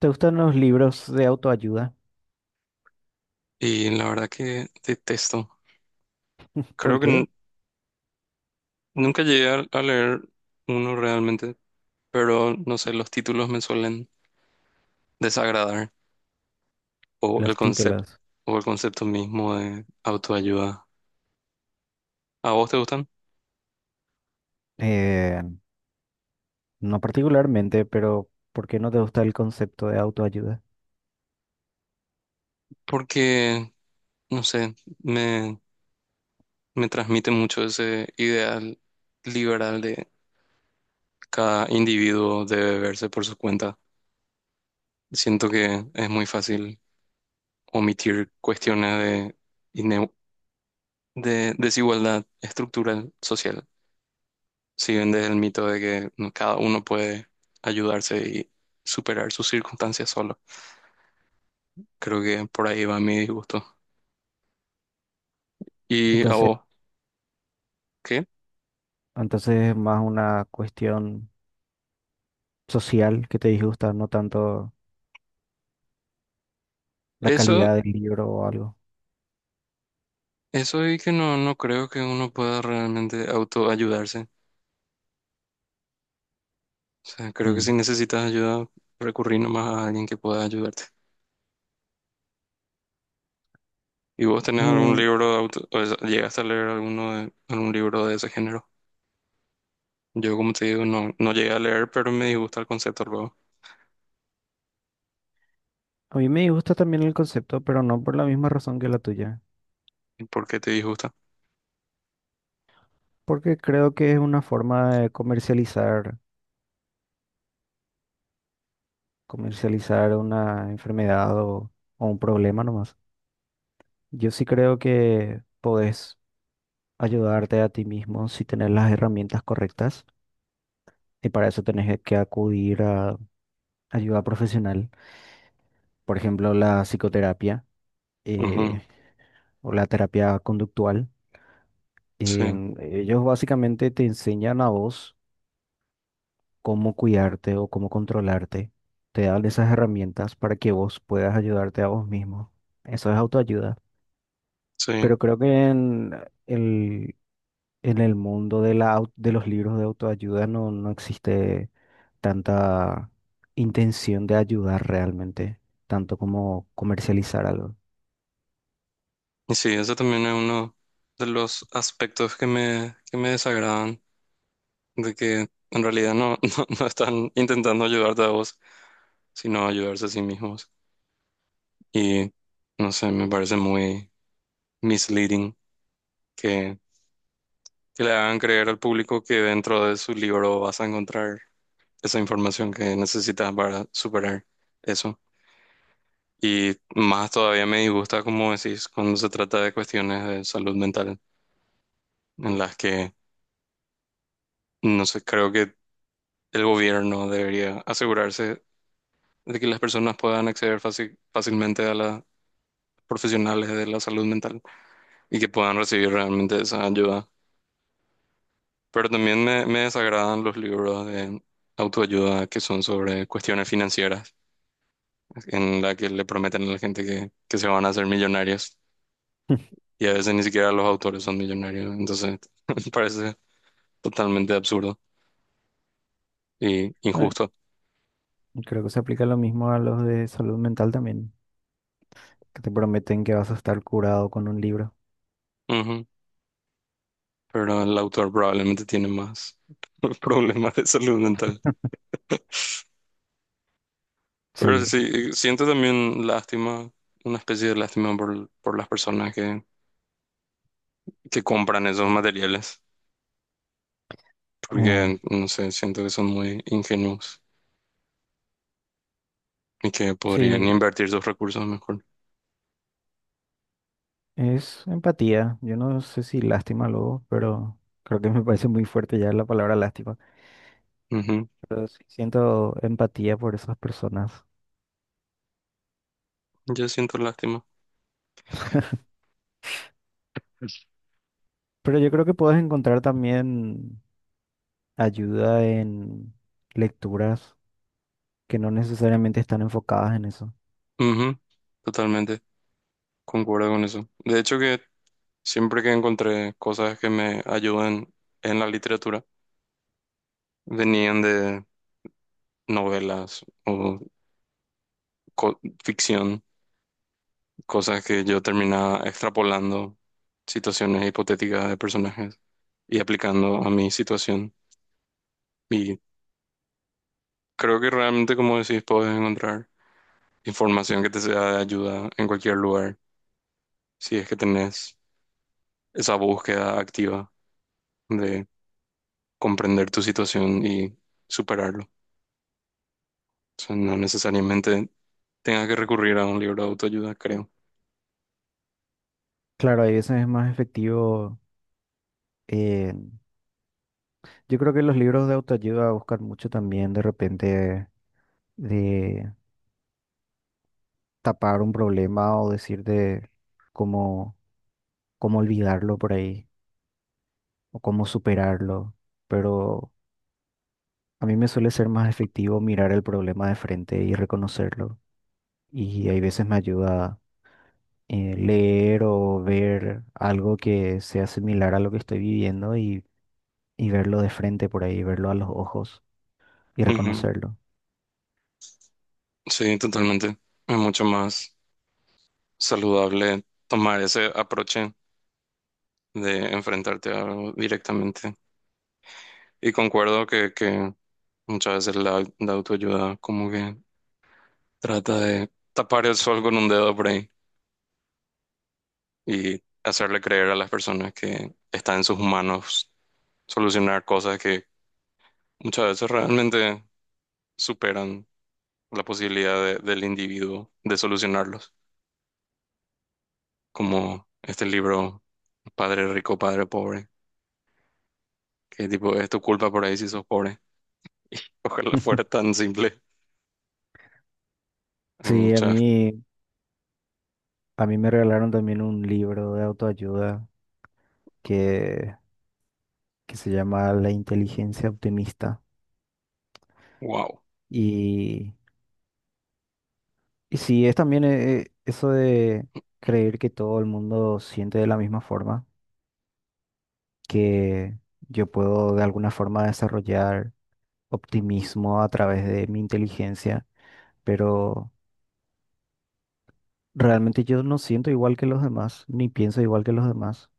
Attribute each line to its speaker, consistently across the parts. Speaker 1: ¿Te gustan los libros de autoayuda?
Speaker 2: Y la verdad que detesto.
Speaker 1: ¿Por
Speaker 2: Creo que
Speaker 1: qué?
Speaker 2: nunca llegué a leer uno realmente, pero no sé, los títulos me suelen desagradar o el
Speaker 1: Los
Speaker 2: concepto
Speaker 1: títulos.
Speaker 2: o el concepto mismo de autoayuda. ¿A vos te gustan?
Speaker 1: Eh, no particularmente, pero ¿por qué no te gusta el concepto de autoayuda?
Speaker 2: Porque, no sé, me, me transmite mucho ese ideal liberal de cada individuo debe verse por su cuenta. Siento que es muy fácil omitir cuestiones ine- de desigualdad estructural social. Si vendes el mito de que cada uno puede ayudarse y superar sus circunstancias solo. Creo que por ahí va mi disgusto. ¿Y a
Speaker 1: Entonces,
Speaker 2: vos? ¿Qué?
Speaker 1: entonces es más una cuestión social que te disgusta, no tanto la
Speaker 2: Eso,
Speaker 1: calidad del libro o algo.
Speaker 2: eso y que no creo que uno pueda realmente autoayudarse. O sea, creo que si
Speaker 1: Mm.
Speaker 2: necesitas ayuda, recurrir nomás a alguien que pueda ayudarte. ¿Y vos tenés algún
Speaker 1: Mm,
Speaker 2: libro de auto, o sea, llegaste a leer alguno de, algún libro de ese género? Yo, como te digo, no llegué a leer, pero me disgusta el concepto luego.
Speaker 1: a mí me gusta también el concepto, pero no por la misma razón que la tuya,
Speaker 2: ¿Y ¿Por qué te disgusta?
Speaker 1: porque creo que es una forma de comercializar, comercializar una enfermedad o un problema nomás. Yo sí creo que podés ayudarte a ti mismo si tenés las herramientas correctas y para eso tenés que acudir a ayuda profesional, por ejemplo, la psicoterapia
Speaker 2: Ujú.
Speaker 1: eh, o la terapia conductual.
Speaker 2: Sí,
Speaker 1: Ellos básicamente te enseñan a vos cómo cuidarte o cómo controlarte. Te dan esas herramientas para que vos puedas ayudarte a vos mismo. Eso es autoayuda.
Speaker 2: sí.
Speaker 1: Pero creo que en el mundo de de los libros de autoayuda no existe tanta intención de ayudar realmente, tanto como comercializar algo.
Speaker 2: Y sí, eso también es uno de los aspectos que que me desagradan, de que en realidad no están intentando ayudarte a vos, sino ayudarse a sí mismos. Y no sé, me parece muy misleading que, que le hagan creer al público que dentro de su libro vas a encontrar esa información que necesitas para superar eso. Y más todavía me disgusta, como decís, cuando se trata de cuestiones de salud mental, en las que, no sé, creo que el gobierno debería asegurarse de que las personas puedan acceder fácilmente a las profesionales de la salud mental y que puedan recibir realmente esa ayuda. Pero también me desagradan los libros de autoayuda que son sobre cuestiones financieras, en la que le prometen a la gente que se van a hacer millonarios y a veces ni siquiera los autores son millonarios. Entonces, me parece totalmente absurdo y
Speaker 1: Eh,
Speaker 2: injusto.
Speaker 1: Creo que se aplica lo mismo a los de salud mental también, que te prometen que vas a estar curado con un libro.
Speaker 2: Ujú. Pero el autor probablemente tiene más problemas de salud mental. Pero
Speaker 1: Sí,
Speaker 2: sí, siento también lástima, una especie de lástima por las personas que compran esos materiales,
Speaker 1: eh,
Speaker 2: porque, no sé, siento que son muy ingenuos y que podrían
Speaker 1: sí,
Speaker 2: invertir sus recursos mejor.
Speaker 1: es empatía. Yo no sé si lástima luego, pero creo que me parece muy fuerte ya la palabra lástima.
Speaker 2: Ujú.
Speaker 1: Pero sí siento empatía por esas personas.
Speaker 2: Yo siento lástima.
Speaker 1: Pero yo creo que puedes encontrar también ayuda en lecturas que no necesariamente están enfocadas en eso.
Speaker 2: Ujú. Totalmente, concuerdo con eso. De hecho, que siempre que encontré cosas que me ayudan en la literatura, venían de novelas o co- ficción. Cosas que yo terminaba extrapolando situaciones hipotéticas de personajes y aplicando a mi situación. Y creo que realmente, como decís, puedes encontrar información que te sea de ayuda en cualquier lugar, si es que tenés esa búsqueda activa de comprender tu situación y superarlo. O sea, no necesariamente tengas que recurrir a un libro de autoayuda, creo.
Speaker 1: Claro, a veces es más efectivo. eh, yo creo que los libros de autoayuda buscan mucho también de repente de tapar un problema o decirte cómo, cómo olvidarlo por ahí o cómo superarlo. Pero a mí me suele ser más efectivo mirar el problema de frente y reconocerlo. Y hay veces me ayuda leer o ver algo que sea similar a lo que estoy viviendo y verlo de frente por ahí, verlo a los ojos y
Speaker 2: Ujú.
Speaker 1: reconocerlo.
Speaker 2: Sí, totalmente. Es mucho más saludable tomar ese aproche de enfrentarte a algo directamente. Y concuerdo que muchas veces la autoayuda como que trata de tapar el sol con un dedo por ahí y hacerle creer a las personas que está en sus manos solucionar cosas que muchas veces realmente superan la posibilidad del individuo de solucionarlos, como este libro Padre Rico, Padre Pobre, que tipo es tu culpa por ahí si sos pobre. Ojalá fuera tan simple. Hay
Speaker 1: Sí,
Speaker 2: muchas,
Speaker 1: a mí me regalaron también un libro de autoayuda que, que se llama La inteligencia optimista.
Speaker 2: wow.
Speaker 1: Y, y sí, es también eso de creer que todo el mundo siente de la misma forma, que yo puedo de alguna forma desarrollar optimismo a través de mi inteligencia pero realmente yo no siento igual que los demás, ni pienso igual que los demás,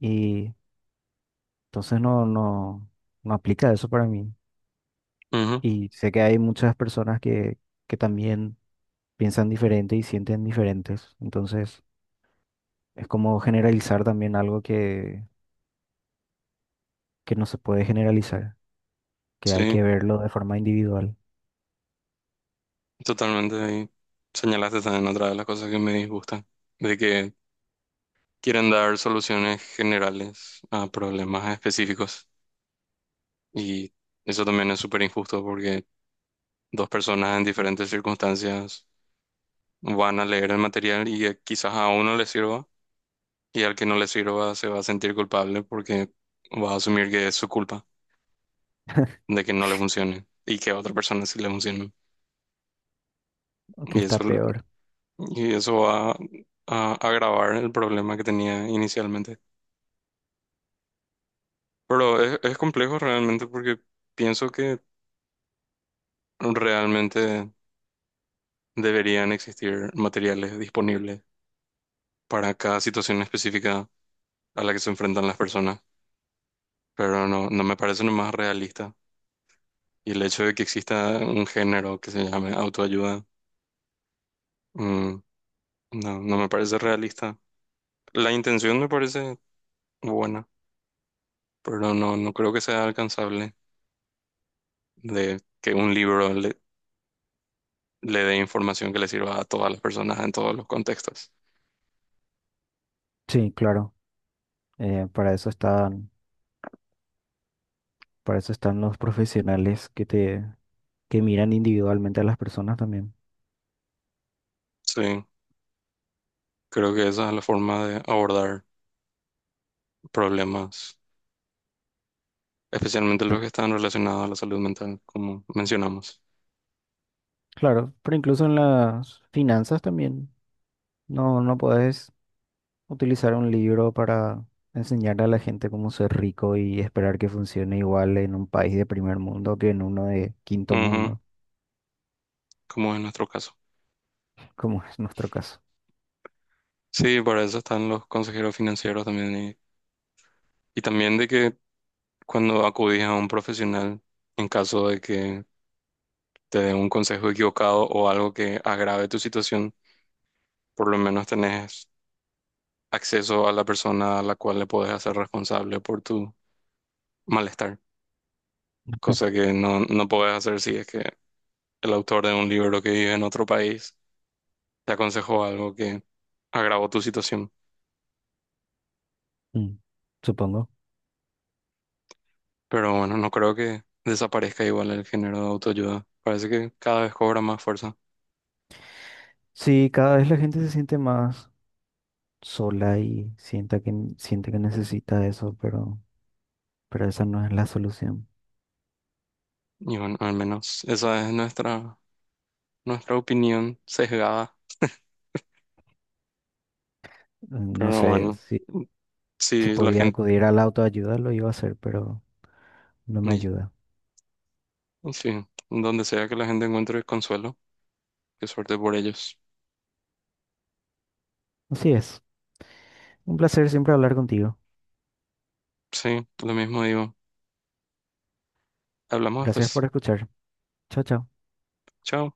Speaker 1: y entonces no aplica eso para mí. Y sé que hay muchas personas que también piensan diferente y sienten diferentes, entonces es como generalizar también algo que no se puede generalizar, que hay
Speaker 2: Sí,
Speaker 1: que verlo de forma individual,
Speaker 2: totalmente. Ahí señalaste también otra de las cosas que me disgustan, de que quieren dar soluciones generales a problemas específicos. Y eso también es súper injusto porque dos personas en diferentes circunstancias van a leer el material y quizás a uno le sirva y al que no le sirva se va a sentir culpable porque va a asumir que es su culpa de que no le funcione y que a otra persona sí le funcione.
Speaker 1: o que
Speaker 2: Y
Speaker 1: está
Speaker 2: eso,
Speaker 1: peor.
Speaker 2: y eso va a agravar el problema que tenía inicialmente. Pero es complejo realmente porque pienso que realmente deberían existir materiales disponibles para cada situación específica a la que se enfrentan las personas, pero no me parece lo más realista. Y el hecho de que exista un género que se llame autoayuda, mm, no me parece realista. La intención me parece buena, pero no creo que sea alcanzable de que un libro le dé información que le sirva a todas las personas en todos los contextos.
Speaker 1: Sí, claro, eh, para eso están, para eso están los profesionales que te, que miran individualmente a las personas también.
Speaker 2: Sí. Creo que esa es la forma de abordar problemas, especialmente los que están relacionados a la salud mental, como mencionamos.
Speaker 1: Claro, pero incluso en las finanzas también. No podés utilizar un libro para enseñarle a la gente cómo ser rico y esperar que funcione igual en un país de primer mundo que en uno de quinto
Speaker 2: Ujú,
Speaker 1: mundo,
Speaker 2: como en nuestro caso.
Speaker 1: como es nuestro caso.
Speaker 2: Sí, para eso están los consejeros financieros también y también de que cuando acudís a un profesional, en caso de que te dé un consejo equivocado o algo que agrave tu situación, por lo menos tenés acceso a la persona a la cual le podés hacer responsable por tu malestar, cosa que no podés hacer si es que el autor de un libro que vive en otro país te aconsejó algo que agravó tu situación.
Speaker 1: Mm, supongo.
Speaker 2: Pero bueno, no creo que desaparezca igual el género de autoayuda. Parece que cada vez cobra más fuerza.
Speaker 1: Sí, cada vez la gente se siente más sola y sienta siente que necesita eso, pero esa no es la solución.
Speaker 2: Y bueno, al menos esa es nuestra, nuestra opinión sesgada.
Speaker 1: No
Speaker 2: Pero
Speaker 1: sé,
Speaker 2: bueno,
Speaker 1: si
Speaker 2: si la
Speaker 1: podía
Speaker 2: gente,
Speaker 1: acudir a la autoayuda lo iba a hacer, pero no me
Speaker 2: y-
Speaker 1: ayuda.
Speaker 2: y sí, donde sea que la gente encuentre consuelo, qué suerte por ellos.
Speaker 1: Así es. Un placer siempre hablar contigo.
Speaker 2: Sí, lo mismo digo. Hablamos
Speaker 1: Gracias por
Speaker 2: después.
Speaker 1: escuchar. Chao, chao.
Speaker 2: Chao.